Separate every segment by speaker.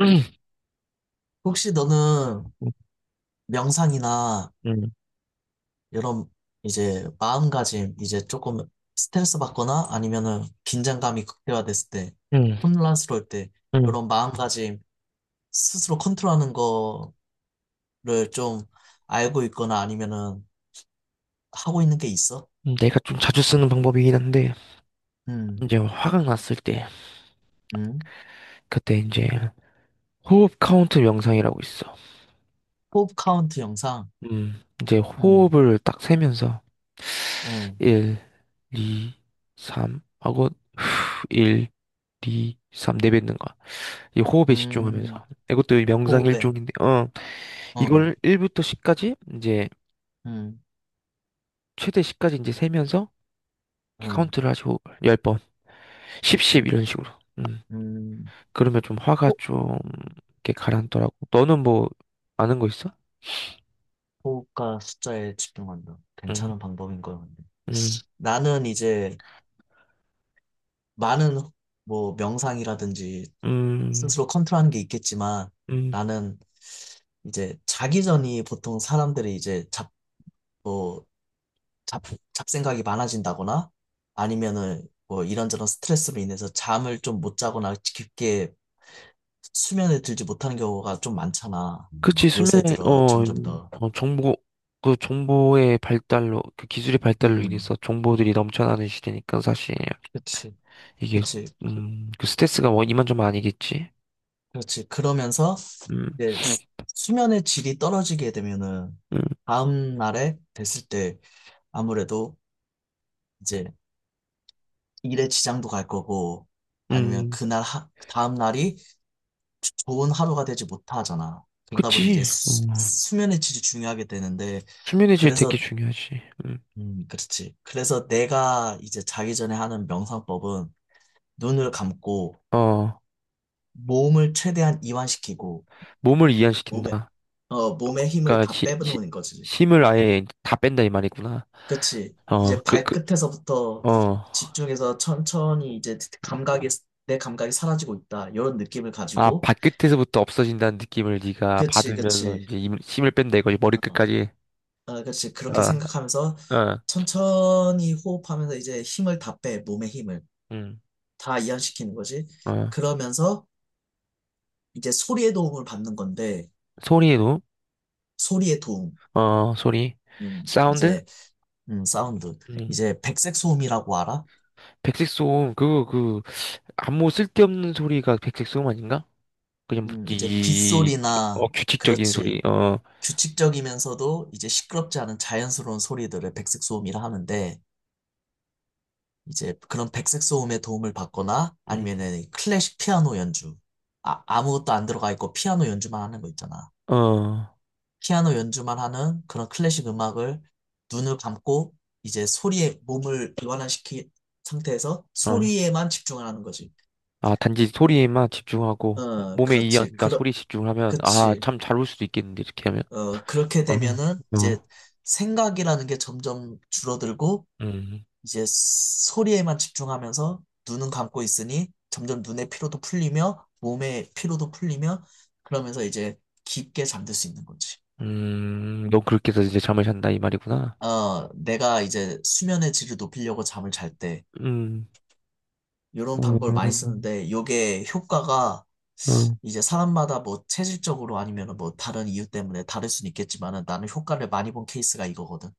Speaker 1: 음,
Speaker 2: 혹시 너는 명상이나
Speaker 1: 음,
Speaker 2: 이런 이제 마음가짐 이제 조금 스트레스 받거나 아니면은 긴장감이 극대화됐을 때
Speaker 1: 음,
Speaker 2: 혼란스러울 때
Speaker 1: 음.
Speaker 2: 이런 마음가짐 스스로 컨트롤하는 거를 좀 알고 있거나 아니면은 하고 있는 게 있어?
Speaker 1: 내가 좀 자주 쓰는 방법이긴 한데,
Speaker 2: 음,
Speaker 1: 이제 화가 났을 때,
Speaker 2: 음.
Speaker 1: 그때 이제 호흡 카운트 명상이라고 있어.
Speaker 2: 호흡 카운트 영상.
Speaker 1: 이제
Speaker 2: 음,
Speaker 1: 호흡을 딱 세면서,
Speaker 2: 음,
Speaker 1: 1, 2, 3 하고, 후, 1, 2, 3 내뱉는 거야. 이 호흡에
Speaker 2: 음.
Speaker 1: 집중하면서. 이것도 명상
Speaker 2: 호흡에.
Speaker 1: 일종인데,
Speaker 2: 어,
Speaker 1: 이걸 1부터 10까지, 이제,
Speaker 2: 음,
Speaker 1: 최대 10까지 이제 세면서
Speaker 2: 음,
Speaker 1: 카운트를 하시고, 10번, 10, 10
Speaker 2: 음,
Speaker 1: 이런 식으로. 음.
Speaker 2: 음.
Speaker 1: 그러면 좀 화가 좀 이렇게 가라앉더라고. 너는 뭐 아는 거 있어?
Speaker 2: 호흡과 숫자에 집중한다.
Speaker 1: 응,
Speaker 2: 괜찮은 방법인 거야, 근데.
Speaker 1: 응,
Speaker 2: 나는 이제 많은 뭐 명상이라든지
Speaker 1: 음,
Speaker 2: 스스로 컨트롤하는 게 있겠지만
Speaker 1: 음.
Speaker 2: 나는 이제 자기 전이 보통 사람들이 이제 뭐, 잡, 잡생각이 많아진다거나 아니면은 뭐 이런저런 스트레스로 인해서 잠을 좀 못 자거나 깊게 수면에 들지 못하는 경우가 좀 많잖아. 음.
Speaker 1: 그치.
Speaker 2: 요새
Speaker 1: 수면에
Speaker 2: 들어 점점 더.
Speaker 1: 정보, 그 정보의 발달로 그 기술의 발달로
Speaker 2: 음,
Speaker 1: 인해서 정보들이 넘쳐나는 시대니까 사실
Speaker 2: 그치,
Speaker 1: 이게
Speaker 2: 그치.
Speaker 1: 음 그 스트레스가 뭐 이만저만 아니겠지.
Speaker 2: 그렇지. 그러면서
Speaker 1: 음,
Speaker 2: 이제 수면의 질이 떨어지게 되면은
Speaker 1: 음,
Speaker 2: 다음 날에 됐을 때 아무래도 이제 일에 지장도 갈 거고 아니면
Speaker 1: 음.
Speaker 2: 그 다음 날이 좋은 하루가 되지 못하잖아. 그러다 보니 이제
Speaker 1: 그치.
Speaker 2: 수면의 질이 중요하게 되는데
Speaker 1: 수면의 질 되게
Speaker 2: 그래서
Speaker 1: 중요하지. 음.
Speaker 2: 그렇지. 그래서 내가 이제 자기 전에 하는 명상법은 눈을 감고
Speaker 1: 어
Speaker 2: 몸을 최대한 이완시키고
Speaker 1: 몸을
Speaker 2: 몸에
Speaker 1: 이완시킨다.
Speaker 2: 몸에 힘을
Speaker 1: 그러니까
Speaker 2: 다 빼놓는 거지.
Speaker 1: 힘을 아예 다 뺀다 이 말이구나.
Speaker 2: 그치.
Speaker 1: 어,
Speaker 2: 이제
Speaker 1: 그, 그,
Speaker 2: 발끝에서부터
Speaker 1: 어.
Speaker 2: 집중해서 천천히 이제 내 감각이 사라지고 있다. 이런 느낌을
Speaker 1: 아,
Speaker 2: 가지고.
Speaker 1: 발끝에서부터 없어진다는 느낌을 네가
Speaker 2: 그치,
Speaker 1: 받으면서
Speaker 2: 그치.
Speaker 1: 이제 힘을 뺀다 이거지.
Speaker 2: 어,
Speaker 1: 머리끝까지.
Speaker 2: 어, 그치.
Speaker 1: 어,
Speaker 2: 그렇게 생각하면서
Speaker 1: 어,
Speaker 2: 천천히 호흡하면서 이제 힘을 다 빼, 몸의 힘을.
Speaker 1: 음,
Speaker 2: 다 이완시키는 거지.
Speaker 1: 어.
Speaker 2: 그러면서 이제 소리의 도움을 받는 건데,
Speaker 1: 소리에도,
Speaker 2: 소리의 도움.
Speaker 1: 어, 소리.
Speaker 2: 음,
Speaker 1: 사운드?
Speaker 2: 이제, 사운드.
Speaker 1: 음.
Speaker 2: 이제 백색 소음이라고 알아?
Speaker 1: 백색소음, 그거, 아무 쓸데없는 소리가 백색소음 아닌가? 그냥, 뭐
Speaker 2: 이제
Speaker 1: 이,
Speaker 2: 빗소리나,
Speaker 1: 규칙적인
Speaker 2: 그렇지.
Speaker 1: 소리, 어,
Speaker 2: 규칙적이면서도 이제 시끄럽지 않은 자연스러운 소리들을 백색 소음이라 하는데 이제 그런 백색 소음의 도움을 받거나
Speaker 1: 음,
Speaker 2: 아니면은 클래식 피아노 연주 아무것도 안 들어가 있고 피아노 연주만 하는 거 있잖아.
Speaker 1: 어,
Speaker 2: 피아노 연주만 하는 그런 클래식 음악을 눈을 감고 이제 소리에 몸을 이완화시킨 상태에서
Speaker 1: 어.
Speaker 2: 소리에만 집중을 하는 거지.
Speaker 1: 아, 단지 소리에만 집중하고,
Speaker 2: 어,
Speaker 1: 몸의
Speaker 2: 그렇지.
Speaker 1: 이완과 소리 집중하면, 아,
Speaker 2: 그치.
Speaker 1: 참 잘 올 수도 있겠는데, 이렇게 하면.
Speaker 2: 어, 그렇게 되면은
Speaker 1: 어,
Speaker 2: 이제
Speaker 1: 어.
Speaker 2: 생각이라는 게 점점 줄어들고
Speaker 1: 음,
Speaker 2: 이제 소리에만 집중하면서 눈은 감고 있으니 점점 눈의 피로도 풀리며 몸의 피로도 풀리며 그러면서 이제 깊게 잠들 수 있는 거지.
Speaker 1: 너 그렇게 해서 이제 잠을 잔다 이 말이구나.
Speaker 2: 어, 내가 이제 수면의 질을 높이려고 잠을 잘 때
Speaker 1: 음,
Speaker 2: 이런 방법을 많이
Speaker 1: 음,
Speaker 2: 쓰는데 요게 효과가
Speaker 1: 음.
Speaker 2: 이제 사람마다 뭐 체질적으로 아니면 뭐 다른 이유 때문에 다를 수는 있겠지만은 나는 효과를 많이 본 케이스가 이거거든.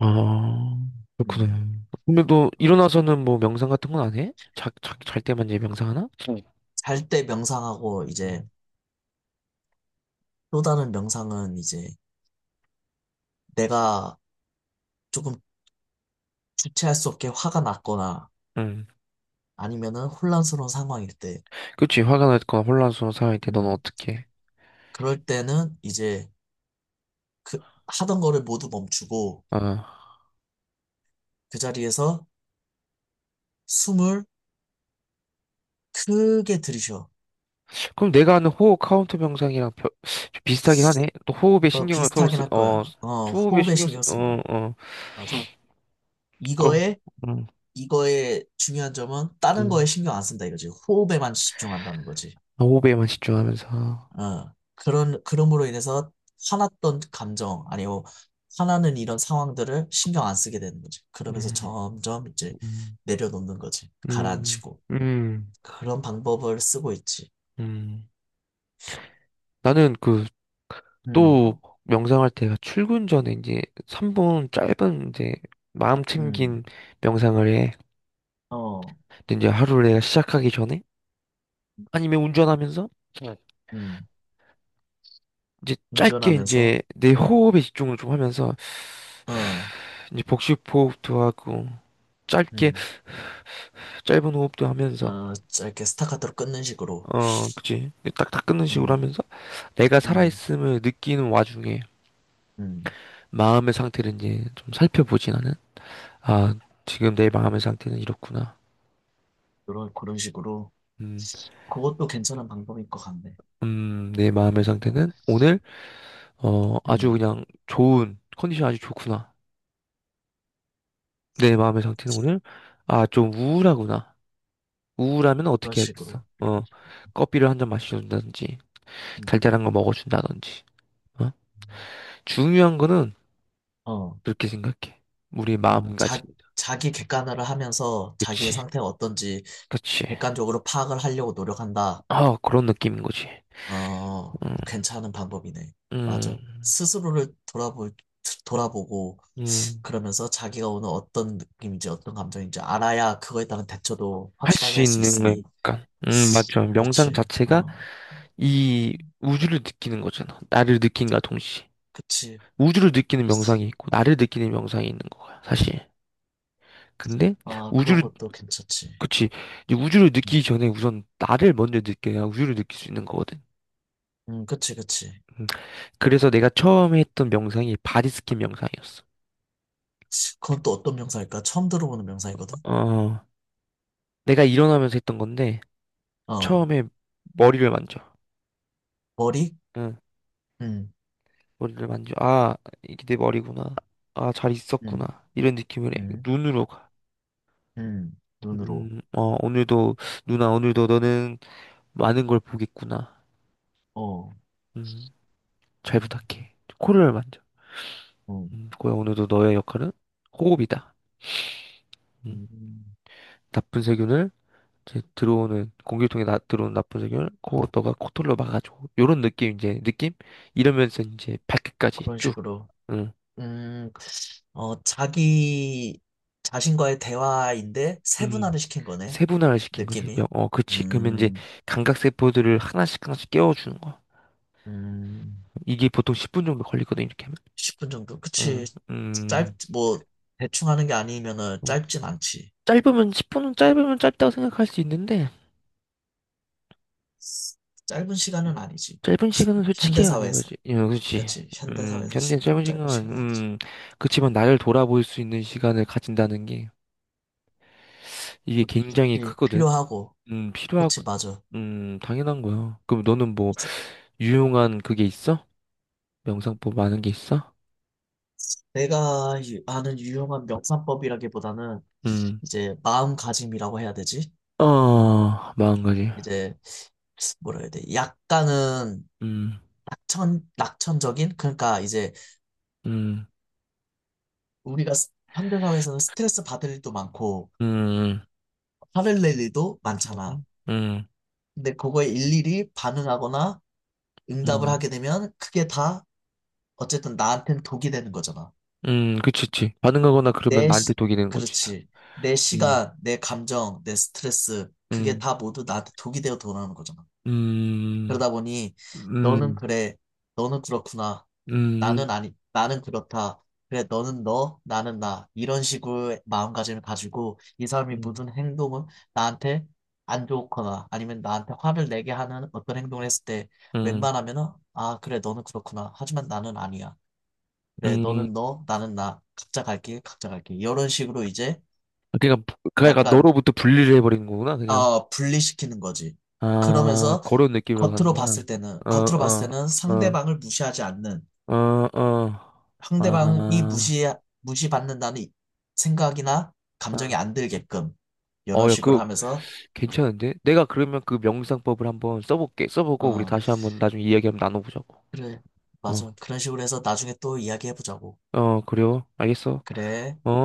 Speaker 1: 아,
Speaker 2: 음.
Speaker 1: 그렇구나. 근데 너
Speaker 2: 어,
Speaker 1: 일어나서는 뭐 명상 같은 건 안 해? 잘 때만 이제 명상하나? 응.
Speaker 2: 잘 때 명상하고 이제
Speaker 1: 음,
Speaker 2: 또 다른 명상은 이제 내가 조금 주체할 수 없게 화가 났거나
Speaker 1: 음.
Speaker 2: 아니면은 혼란스러운 상황일 때,
Speaker 1: 그치, 화가 났거나 혼란스러운 상황일 때 너는
Speaker 2: 음,
Speaker 1: 어떻게 해?
Speaker 2: 그럴 때는 이제 그 하던 거를 모두 멈추고
Speaker 1: 아,
Speaker 2: 그 자리에서 숨을 크게 들이쉬어.
Speaker 1: 그럼 내가 하는 호흡 카운트 명상이랑 좀 비슷하긴 하네. 또 호흡에
Speaker 2: 어,
Speaker 1: 신경을 서로
Speaker 2: 비슷하긴
Speaker 1: 쓰,
Speaker 2: 할
Speaker 1: 어,
Speaker 2: 거야. 어,
Speaker 1: 호흡에
Speaker 2: 호흡에
Speaker 1: 신경 쓰,
Speaker 2: 신경 쓰는
Speaker 1: 어,
Speaker 2: 거야.
Speaker 1: 어,
Speaker 2: 맞아.
Speaker 1: 거,
Speaker 2: 이거에,
Speaker 1: 음,
Speaker 2: 이거의 중요한 점은 다른 거에
Speaker 1: 음.
Speaker 2: 신경 안 쓴다 이거지. 호흡에만 집중한다는 거지.
Speaker 1: 호흡에만 집중하면서.
Speaker 2: 그럼으로 인해서 화났던 감정, 아니, 뭐, 화나는 이런 상황들을 신경 안 쓰게 되는 거지. 그러면서
Speaker 1: 음,
Speaker 2: 점점 이제
Speaker 1: 음.
Speaker 2: 내려놓는 거지.
Speaker 1: 음,
Speaker 2: 가라앉히고.
Speaker 1: 음,
Speaker 2: 그런 방법을 쓰고 있지.
Speaker 1: 음. 나는 그,
Speaker 2: 음,
Speaker 1: 또, 명상할 때가 출근 전에 이제 3분 짧은 이제 마음
Speaker 2: 음,
Speaker 1: 챙긴 명상을 해.
Speaker 2: 어,
Speaker 1: 근데 이제 하루를 내가 시작하기 전에 아니면 운전하면서 네.
Speaker 2: 음.
Speaker 1: 이제 짧게
Speaker 2: 운전하면서,
Speaker 1: 이제 내 호흡에 집중을 좀 하면서
Speaker 2: 어,
Speaker 1: 이제 복식 호흡도 하고 짧게
Speaker 2: 음,
Speaker 1: 짧은 호흡도 하면서
Speaker 2: 어, 짧게 스타카토로 끊는 식으로.
Speaker 1: 어, 그치. 딱딱 끊는 식으로
Speaker 2: 음,
Speaker 1: 하면서 내가
Speaker 2: 음,
Speaker 1: 살아있음을 느끼는 와중에
Speaker 2: 음.
Speaker 1: 마음의 상태를 이제 좀 살펴보지 나는. 아, 지금 내 마음의 상태는 이렇구나.
Speaker 2: 그런 식으로.
Speaker 1: 음,
Speaker 2: 그것도 괜찮은 방법일 것 같네.
Speaker 1: 내 마음의
Speaker 2: 그러니까,
Speaker 1: 상태는 오늘, 아주
Speaker 2: 음,
Speaker 1: 그냥 좋은, 컨디션 아주 좋구나. 내 마음의 상태는 오늘, 아, 좀 우울하구나. 우울하면
Speaker 2: 그런
Speaker 1: 어떻게 해야겠어?
Speaker 2: 식으로.
Speaker 1: 커피를 한 잔 마셔준다든지,
Speaker 2: 음.
Speaker 1: 달달한 거 먹어준다든지, 어? 중요한 거는
Speaker 2: 어.
Speaker 1: 그렇게 생각해. 우리 마
Speaker 2: 어,
Speaker 1: 가짐
Speaker 2: 자,
Speaker 1: 그렇지.
Speaker 2: 자기 객관화를 하면서 자기의
Speaker 1: 그치,
Speaker 2: 상태가 어떤지
Speaker 1: 그치.
Speaker 2: 객관적으로 파악을 하려고 노력한다.
Speaker 1: 아, 그런 느낌인 거지.
Speaker 2: 어,
Speaker 1: 음,
Speaker 2: 괜찮은 방법이네.
Speaker 1: 음,
Speaker 2: 맞아. 돌아보고
Speaker 1: 음.
Speaker 2: 그러면서 자기가 오늘 어떤 느낌인지 어떤 감정인지 알아야 그거에 따른 대처도
Speaker 1: 할
Speaker 2: 확실하게
Speaker 1: 수
Speaker 2: 할 수
Speaker 1: 있는, 거니
Speaker 2: 있으니.
Speaker 1: 까 맞죠. 명상
Speaker 2: 그렇지.
Speaker 1: 자체가
Speaker 2: 어,
Speaker 1: 이 우주를 느끼는 거잖아. 나를 느낀과 동시에.
Speaker 2: 그치.
Speaker 1: 우주를 느끼는 명상이 있고, 나를 느끼는 명상이 있는 거야, 사실. 근데,
Speaker 2: 아, 그런
Speaker 1: 우주를,
Speaker 2: 것도 괜찮지.
Speaker 1: 그치. 이제 우주를 느끼기
Speaker 2: 음,
Speaker 1: 전에 우선 나를 먼저 느껴야 우주를 느낄 수 있는 거거든.
Speaker 2: 그치.
Speaker 1: 음, 그래서 내가 처음에 했던 명상이 바디스킨 명상이었어.
Speaker 2: 그건 또 어떤 명사일까? 처음 들어보는 명사이거든?
Speaker 1: 어, 내가 일어나면서 했던 건데,
Speaker 2: 어,
Speaker 1: 처음에 머리를 만져.
Speaker 2: 머리?
Speaker 1: 응,
Speaker 2: 음,
Speaker 1: 머리를 만져. 아, 이게 내 머리구나. 아, 잘 있었구나.
Speaker 2: 음.
Speaker 1: 이런 느낌을 해.
Speaker 2: 음,
Speaker 1: 눈으로 가.
Speaker 2: 눈으로.
Speaker 1: 오늘도, 누나, 오늘도 너는 많은 걸 보겠구나.
Speaker 2: 어,
Speaker 1: 음, 잘
Speaker 2: 음,
Speaker 1: 부탁해. 코를 만져.
Speaker 2: 어,
Speaker 1: 고야, 오늘도 너의 역할은 호흡이다. 음,
Speaker 2: 음,
Speaker 1: 나쁜 세균을, 이제 들어오는, 공기통에 나, 들어오는 나쁜 세균을, 코, 너가 코털로 막아줘. 요런 느낌, 이제, 느낌? 이러면서 이제 발끝까지
Speaker 2: 그런
Speaker 1: 쭉,
Speaker 2: 식으로.
Speaker 1: 음,
Speaker 2: 음, 어, 자기 자신과의 대화인데
Speaker 1: 음,
Speaker 2: 세분화를 시킨 거네.
Speaker 1: 세분화를 시킨 거지.
Speaker 2: 느낌이.
Speaker 1: 그치. 그러면 이제
Speaker 2: 음,
Speaker 1: 감각세포들을 하나씩 하나씩 깨워주는 거야.
Speaker 2: 음,
Speaker 1: 이게 보통 10분 정도 걸리거든, 이렇게 하면.
Speaker 2: 10분 정도? 그치.
Speaker 1: 음,
Speaker 2: 짧,
Speaker 1: 음.
Speaker 2: 뭐, 대충 하는 게 아니면은 짧진 않지.
Speaker 1: 짧으면 10분은 짧으면 짧다고 생각할 수 있는데
Speaker 2: 짧은 시간은 아니지.
Speaker 1: 짧은
Speaker 2: 십
Speaker 1: 시간은
Speaker 2: 분
Speaker 1: 솔직히 아닌
Speaker 2: 현대사회에서.
Speaker 1: 거지. 예, 그렇지.
Speaker 2: 그치. 현대사회에서
Speaker 1: 현대
Speaker 2: 10분은
Speaker 1: 짧은
Speaker 2: 짧은
Speaker 1: 시간,
Speaker 2: 시간 아니지.
Speaker 1: 그치만 나를 돌아볼 수 있는 시간을 가진다는 게 이게 굉장히
Speaker 2: 그치.
Speaker 1: 크거든.
Speaker 2: 필요하고.
Speaker 1: 필요하고,
Speaker 2: 그치, 맞아.
Speaker 1: 당연한 거야. 그럼 너는 뭐
Speaker 2: 이제
Speaker 1: 유용한 그게 있어? 명상법 아는 게 있어?
Speaker 2: 아는 유용한 명상법이라기보다는
Speaker 1: 음,
Speaker 2: 이제 마음가짐이라고 해야 되지?
Speaker 1: 마음가짐.
Speaker 2: 이제 뭐라 해야 돼? 약간은
Speaker 1: 음,
Speaker 2: 낙천적인? 그러니까 이제
Speaker 1: 음,
Speaker 2: 현대사회에서는 스트레스 받을 일도 많고
Speaker 1: 음,
Speaker 2: 화를 낼 일도
Speaker 1: 음,
Speaker 2: 많잖아.
Speaker 1: 음, 음,
Speaker 2: 근데 그거에 일일이 반응하거나 응답을
Speaker 1: 음,
Speaker 2: 하게 되면 그게 다 어쨌든 나한테는 독이 되는 거잖아.
Speaker 1: 그치, 그치. 반응하거나 그러면
Speaker 2: 내,
Speaker 1: 나한테
Speaker 2: 시-
Speaker 1: 독이 되는 거지.
Speaker 2: 그렇지. 내
Speaker 1: 음.
Speaker 2: 시간, 내 감정, 내 스트레스, 그게
Speaker 1: 음.
Speaker 2: 다 모두 나한테 독이 되어 돌아오는 거잖아.
Speaker 1: 음,
Speaker 2: 그러다 보니 너는
Speaker 1: 음,
Speaker 2: 그래, 너는 그렇구나.
Speaker 1: 음,
Speaker 2: 나는
Speaker 1: 음,
Speaker 2: 아니, 나는 그렇다. 그래, 너는 너, 나는 나. 이런 식으로 마음가짐을 가지고 이 사람이
Speaker 1: 음,
Speaker 2: 무슨 행동을 나한테 안 좋거나 아니면 나한테 화를 내게 하는 어떤 행동을 했을 때
Speaker 1: 음.
Speaker 2: 웬만하면은 아, 그래, 너는 그렇구나. 하지만 나는 아니야. 그래,
Speaker 1: 음.
Speaker 2: 너는 너, 나는 나. 각자 갈 길, 각자 갈 길. 이런 식으로 이제
Speaker 1: 그러니까
Speaker 2: 약간
Speaker 1: 너로부터 분리를 해버린 거구나 그냥.
Speaker 2: 어, 분리시키는 거지.
Speaker 1: 아,
Speaker 2: 그러면서
Speaker 1: 그런 느낌으로 가는구나. 어,
Speaker 2: 겉으로 봤을
Speaker 1: 어,
Speaker 2: 때는
Speaker 1: 어,
Speaker 2: 상대방을 무시하지 않는,
Speaker 1: 어, 어.
Speaker 2: 상대방이
Speaker 1: 아,
Speaker 2: 무시, 무시받는다는 생각이나 감정이
Speaker 1: 아.
Speaker 2: 안 들게끔, 이런
Speaker 1: 야,
Speaker 2: 식으로
Speaker 1: 그
Speaker 2: 하면서,
Speaker 1: 괜찮은데? 내가 그러면 그 명상법을 한번 써볼게. 써보고 우리
Speaker 2: 어,
Speaker 1: 다시 한번 나중에 이야기 한번 나눠보자고.
Speaker 2: 그래,
Speaker 1: 어,
Speaker 2: 맞아. 그런 식으로 해서 나중에 또 이야기해보자고.
Speaker 1: 그래요. 알겠어.
Speaker 2: 그래.
Speaker 1: 어.